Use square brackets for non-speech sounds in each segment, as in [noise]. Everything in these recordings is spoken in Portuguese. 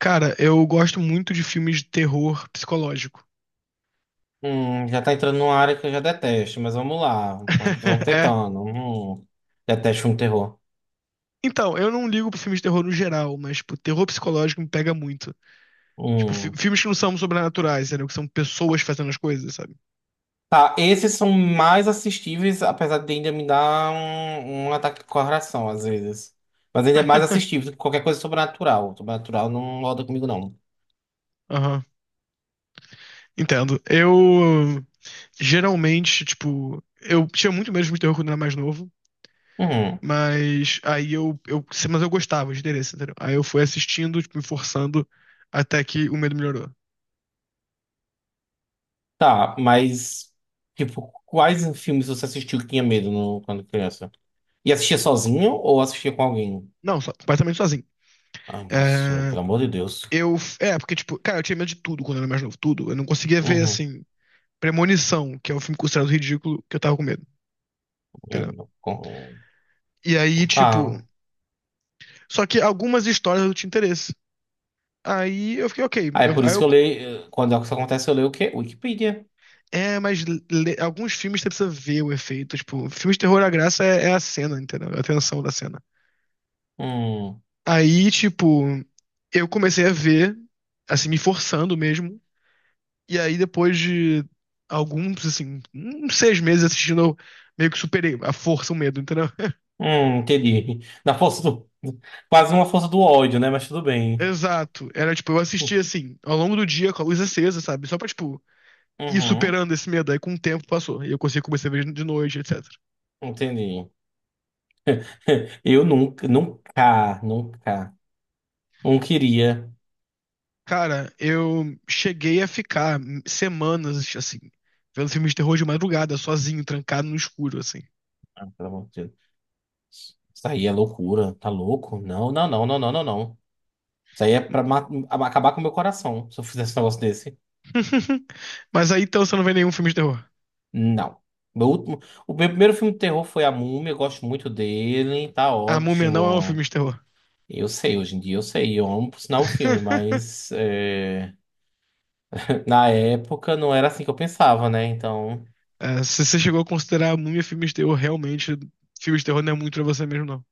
Cara, eu gosto muito de filmes de terror psicológico. Já tá entrando numa área que eu já detesto, mas vamos lá. Vamos [laughs] É. tentando. Detesto um terror. Então, eu não ligo pra filmes de terror no geral, mas, tipo, terror psicológico me pega muito. Tipo, Hum. filmes que não são sobrenaturais, entendeu? Que são pessoas fazendo as coisas, sabe? Tá, esses são mais assistíveis, apesar de ainda me dar um ataque de coração às vezes. Mas ainda é mais [laughs] assistível do que qualquer coisa sobrenatural. Sobrenatural não roda comigo, não. Aham. Entendo. Eu geralmente, tipo, eu tinha muito medo de filme de terror quando eu era mais novo. Hum. Mas aí eu, eu, mas eu gostava de interesse, entendeu? Aí eu fui assistindo, tipo, me forçando até que o medo melhorou. Tá, mas, tipo, quais filmes você assistiu que tinha medo quando criança? E assistia sozinho ou assistia com alguém? Não, só, completamente sozinho. Ai, nossa, meu, É, pelo amor de Deus. Porque, tipo, cara, eu tinha medo de tudo quando eu era mais novo, tudo. Eu não conseguia ver, Uhum. assim, Premonição, que é um filme considerado ridículo, que eu tava com medo, Eu entendeu? não- E aí, tipo, Tá. só que algumas histórias eu tinha interesse. Aí eu fiquei, ok, Ah, é eu, por aí isso eu, que eu leio. Quando isso acontece, eu leio o quê? Wikipedia. É, mas alguns filmes você precisa ver o efeito. Tipo, filmes de terror, a graça é a cena, entendeu? É a tensão da cena. Hum, Aí, tipo, eu comecei a ver, assim, me forçando mesmo. E aí, depois de alguns, assim, uns seis meses assistindo, eu meio que superei a força, o medo, entendeu? [laughs] Entendi. Na força do. Quase uma força do ódio, né? Mas tudo bem. Exato. Era, tipo, eu assistia, assim, ao longo do dia com a luz acesa, sabe? Só pra, tipo, ir Uhum, superando esse medo. Aí, com o tempo, passou. E eu consegui começar a ver de noite, etc. entendi. [laughs] Eu nunca, não queria. Cara, eu cheguei a ficar semanas, assim, vendo filmes de terror de madrugada, sozinho, trancado no escuro, assim. Ah, pelo amor de Deus. Isso aí é loucura, tá louco? Não, não, não, não, não, não, não. Isso aí é acabar com o meu coração, se eu fizesse um negócio desse. [laughs] Mas aí então você não vê nenhum filme de terror. Não. Meu último, o meu primeiro filme de terror foi A Múmia, eu gosto muito dele, tá A Múmia não é um ótimo. filme de terror. Eu sei, hoje em dia eu sei, eu amo por sinal o filme, [laughs] mas é, [laughs] na época não era assim que eu pensava, né? Então, É, se você chegou a considerar a Múmia filme de terror, realmente, filme de terror não é muito pra você mesmo, não.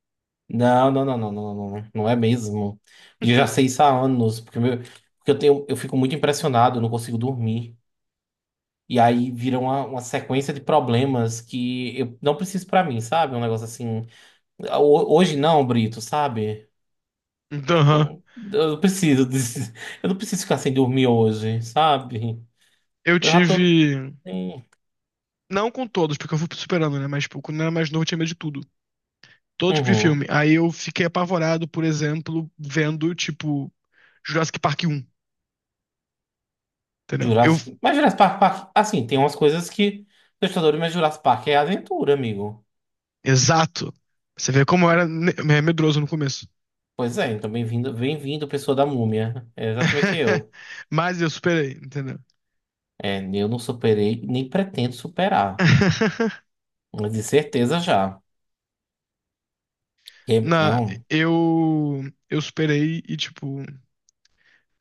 não, não, não, não, não, não, não, não é mesmo. E eu já sei [laughs] isso há anos, porque eu tenho, eu fico muito impressionado, eu não consigo dormir. E aí vira uma sequência de problemas que eu não preciso pra mim, sabe? Um negócio assim. Hoje não, Brito, sabe? Então, aham. Não- Eu não preciso disso. [laughs] Eu não preciso ficar sem dormir hoje, sabe? Eu Eu já tô. tive. Sim. Não com todos, porque eu fui superando, né? Mas, tipo, quando eu era mais novo, eu tinha medo de tudo. Todo tipo de Uhum. filme. Aí eu fiquei apavorado, por exemplo, vendo, tipo, Jurassic Park 1. Entendeu? Mas Jurassic Park, assim, tem umas coisas que... Assustador, mas Jurassic Park é aventura, amigo. Exato. Você vê como eu era medroso no começo. Pois é, então bem-vindo, bem-vindo, pessoa da múmia. É exatamente [laughs] eu. Mas eu superei, entendeu? É, eu não superei, nem pretendo superar. [laughs] Mas de certeza já. Na, Não. eu, eu superei e, tipo.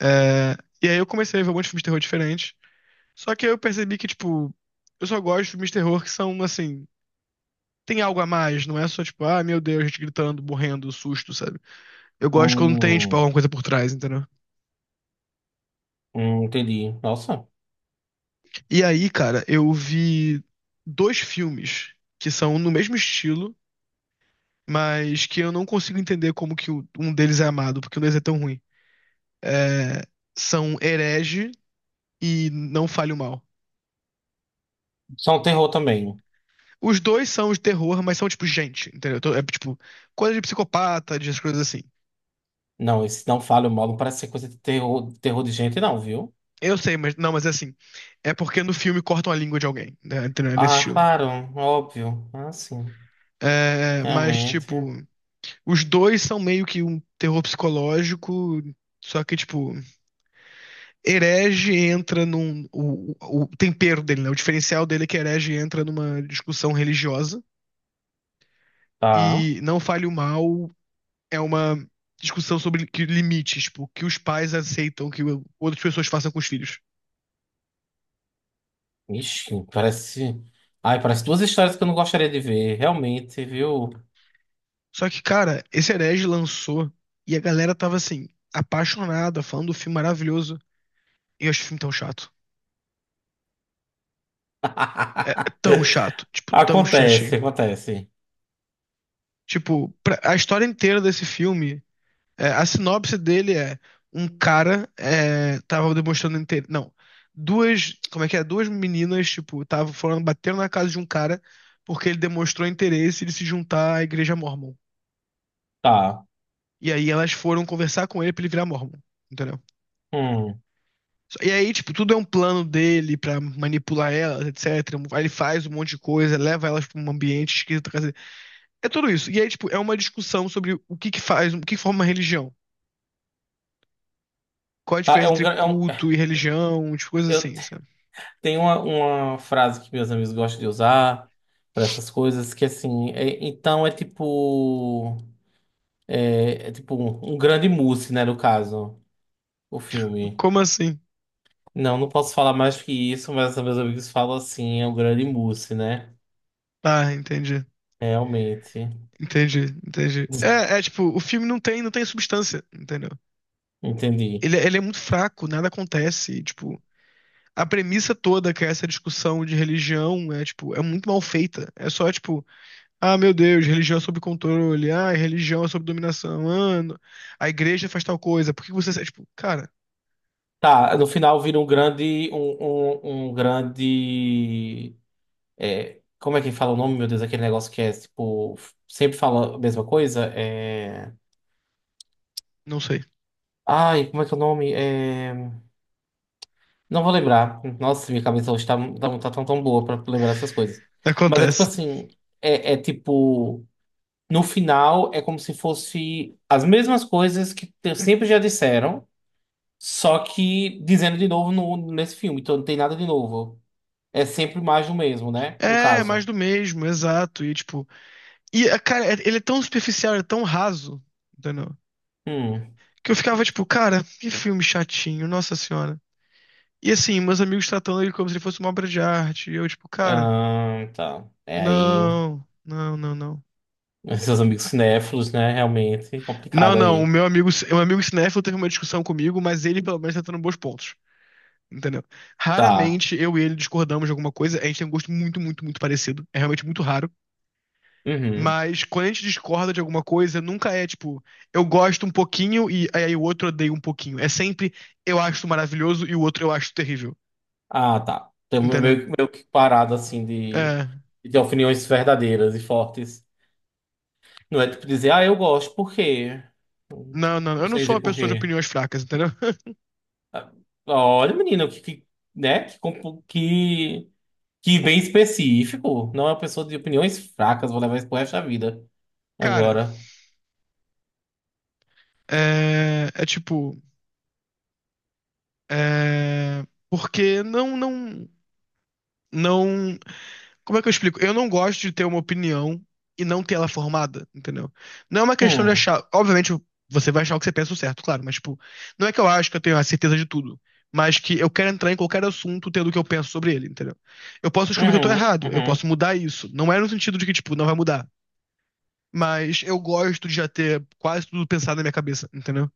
é, e aí eu comecei a ver um monte de filme de terror diferente. Só que aí eu percebi que, tipo, eu só gosto de filmes de terror que são, assim, tem algo a mais. Não é só, tipo, ah, meu Deus, gente gritando, morrendo, susto, sabe? Eu gosto quando tem, tipo, Hum, alguma coisa por trás, entendeu? Entendi. Nossa. E aí, cara, eu vi dois filmes que são no mesmo estilo mas que eu não consigo entender como que um deles é amado, porque um deles é tão ruim. É, são Herege e Não Fale o Mal. Só um terror também. Os dois são de terror, mas são tipo gente, entendeu? Então, é tipo coisa de psicopata, de coisas assim. Não, esse não falha mal, não parece ser coisa de terror, terror de gente, não, viu? Eu sei, mas não, mas é assim. É porque no filme cortam a língua de alguém, né? Entendeu? É nesse Ah, estilo. claro, óbvio. Ah, sim. É, mas tipo, Realmente. os dois são meio que um terror psicológico, só que tipo Herege entra num. O tempero dele, né? O diferencial dele é que Herege entra numa discussão religiosa Tá. e Não Fale o Mal é uma discussão sobre que limites, tipo, que os pais aceitam que outras pessoas façam com os filhos. Ixi, parece. Ai, parece duas histórias que eu não gostaria de ver, realmente, viu? Só que, cara, esse Herege lançou e a galera tava assim, apaixonada, falando do filme maravilhoso. E eu acho o filme tão chato. É [laughs] tão chato, tipo, tão Acontece, chatinho. acontece. Tipo, a história inteira desse filme é, a sinopse dele é um cara é, tava demonstrando interesse. Não, duas. Como é que é? Duas meninas, tipo, estavam falando, bateram na casa de um cara porque ele demonstrou interesse de se juntar à igreja mórmon. Tá. E aí elas foram conversar com ele pra ele virar mórmon, entendeu? Hum. E aí, tipo, tudo é um plano dele pra manipular elas, etc. Aí ele faz um monte de coisa, leva elas pra um ambiente esquisito. Quer dizer, é tudo isso. E aí, tipo, é uma discussão sobre o que que faz, o que forma religião. Qual a Tá, diferença entre culto e religião, tipo, coisas eu assim. tenho uma frase que meus amigos gostam de usar para essas coisas, que assim, então é tipo. É, é tipo um grande mousse, né, no caso, o filme. Como assim? Não, não posso falar mais que isso, mas meus amigos falam assim, é um grande mousse, né? Tá, entendi. Realmente. Entendi, entendi. [laughs] É, é tipo, o filme não tem, não tem substância, entendeu? Entendi. Ele é muito fraco, nada acontece, e, tipo, a premissa toda que é essa discussão de religião é tipo, é muito mal feita. É só tipo, ah, meu Deus, religião é sob controle, ah, religião é sob dominação, ah, a igreja faz tal coisa, por que você, é, tipo, cara, Tá, no final vira um grande, um grande, é, como é que fala o nome, meu Deus, aquele negócio que é, tipo, sempre fala a mesma coisa, é... não sei. Ai, como é que é o nome? É... Não vou lembrar. Nossa, minha cabeça hoje tá tão, tão boa pra lembrar essas coisas. [laughs] Mas é tipo Acontece. assim, é, é tipo, no final é como se fosse as mesmas coisas sempre já disseram, só que dizendo de novo nesse filme, então não tem nada de novo. É sempre mais do mesmo, né? No É, é mais caso. do mesmo, exato, e tipo, e ah, cara, ele é tão superficial, é tão raso, entendeu? Hum. Que eu ficava tipo, cara, que filme chatinho, nossa senhora. E assim, meus amigos tratando ele como se ele fosse uma obra de arte. E eu, tipo, cara, Ah, tá. É aí. não, não, não, não. [laughs] Seus amigos cinéfilos, né? Realmente Não, complicado não, aí. O meu amigo cinéfilo teve uma discussão comigo, mas ele pelo menos tá tendo bons pontos. Entendeu? Tá. Raramente eu e ele discordamos de alguma coisa. A gente tem um gosto muito, muito, muito parecido. É realmente muito raro. Uhum. Mas quando a gente discorda de alguma coisa, nunca é tipo, eu gosto um pouquinho e aí o outro odeia um pouquinho. É sempre eu acho maravilhoso e o outro eu acho terrível. Ah, tá. Estamos Entendeu? meio, meio que parado, assim, É. de opiniões verdadeiras e fortes. Não é tipo dizer, ah, eu gosto, por quê? Não, não, Não eu não sei sou dizer uma por pessoa de quê. opiniões fracas, entendeu? [laughs] Ah, Olha, menino, né? Que bem específico. Não é uma pessoa de opiniões fracas, vou levar isso pro resto da vida. Cara, Agora. é, é tipo, é, porque não, não, não, como é que eu explico? Eu não gosto de ter uma opinião e não ter ela formada, entendeu? Não é uma questão de Hum. achar, obviamente você vai achar o que você pensa o certo, claro, mas tipo, não é que eu acho que eu tenho a certeza de tudo, mas que eu quero entrar em qualquer assunto tendo o que eu penso sobre ele, entendeu? Eu posso descobrir que eu tô Uhum, errado, eu uhum. posso mudar isso, não é no sentido de que tipo, não vai mudar. Mas eu gosto de já ter quase tudo pensado na minha cabeça, entendeu?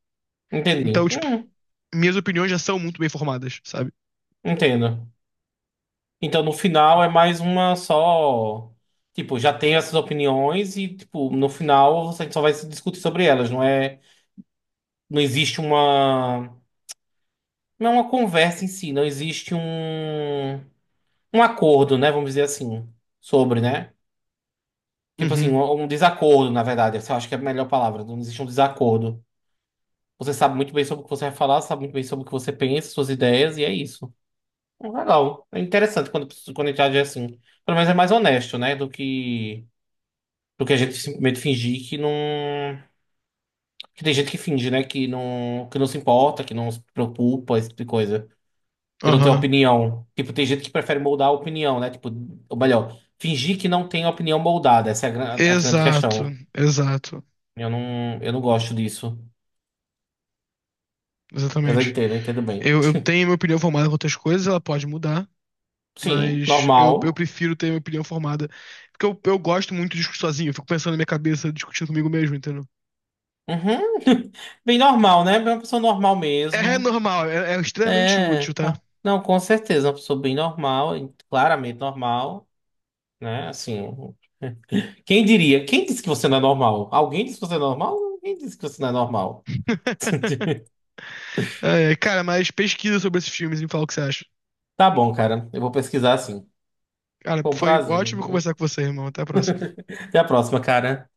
Entendi. Então, tipo, Uhum, minhas opiniões já são muito bem formadas, sabe? entendo. Então, no final, é mais uma só. Tipo, já tem essas opiniões e, tipo, no final você só vai se discutir sobre elas. Não é. Não existe uma. Não é uma conversa em si. Não existe um. Um acordo, né? Vamos dizer assim. Sobre, né? Tipo assim, Uhum, um desacordo, na verdade. Eu acho que é a melhor palavra. Não existe um desacordo. Você sabe muito bem sobre o que você vai falar, sabe muito bem sobre o que você pensa, suas ideias, e é isso. Legal. É interessante quando a gente age assim. Pelo menos é mais honesto, né? Do que a gente simplesmente fingir que não. Que tem gente que finge, né? Que não se importa, que não se preocupa, esse tipo de coisa. Que não tem aham. opinião. Tipo, tem gente que prefere moldar a opinião, né? Tipo, ou melhor, fingir que não tem opinião moldada. Essa é a grande Exato, questão. exato. Eu não gosto disso. Mas Exatamente. Eu entendo bem. Eu tenho minha opinião formada com outras coisas, ela pode mudar, Sim, mas eu normal. prefiro ter minha opinião formada. Porque eu gosto muito de discutir sozinho, eu fico pensando na minha cabeça, discutindo comigo mesmo, entendeu? Uhum. [laughs] Bem normal, né? Bem uma pessoa normal É mesmo. normal, é extremamente útil, tá? Não, com certeza, uma pessoa bem normal, e claramente normal, né? Assim, um, quem diria? Quem disse que você não é normal? Alguém disse que você é normal? Quem disse que você não é normal? [laughs] É, cara, mas pesquisa sobre esses filmes e me fala o que você acha. Tá bom, cara, eu vou pesquisar assim. Cara, Foi um foi prazer, ótimo viu? conversar com você, irmão. Até a próxima. Até a próxima, cara.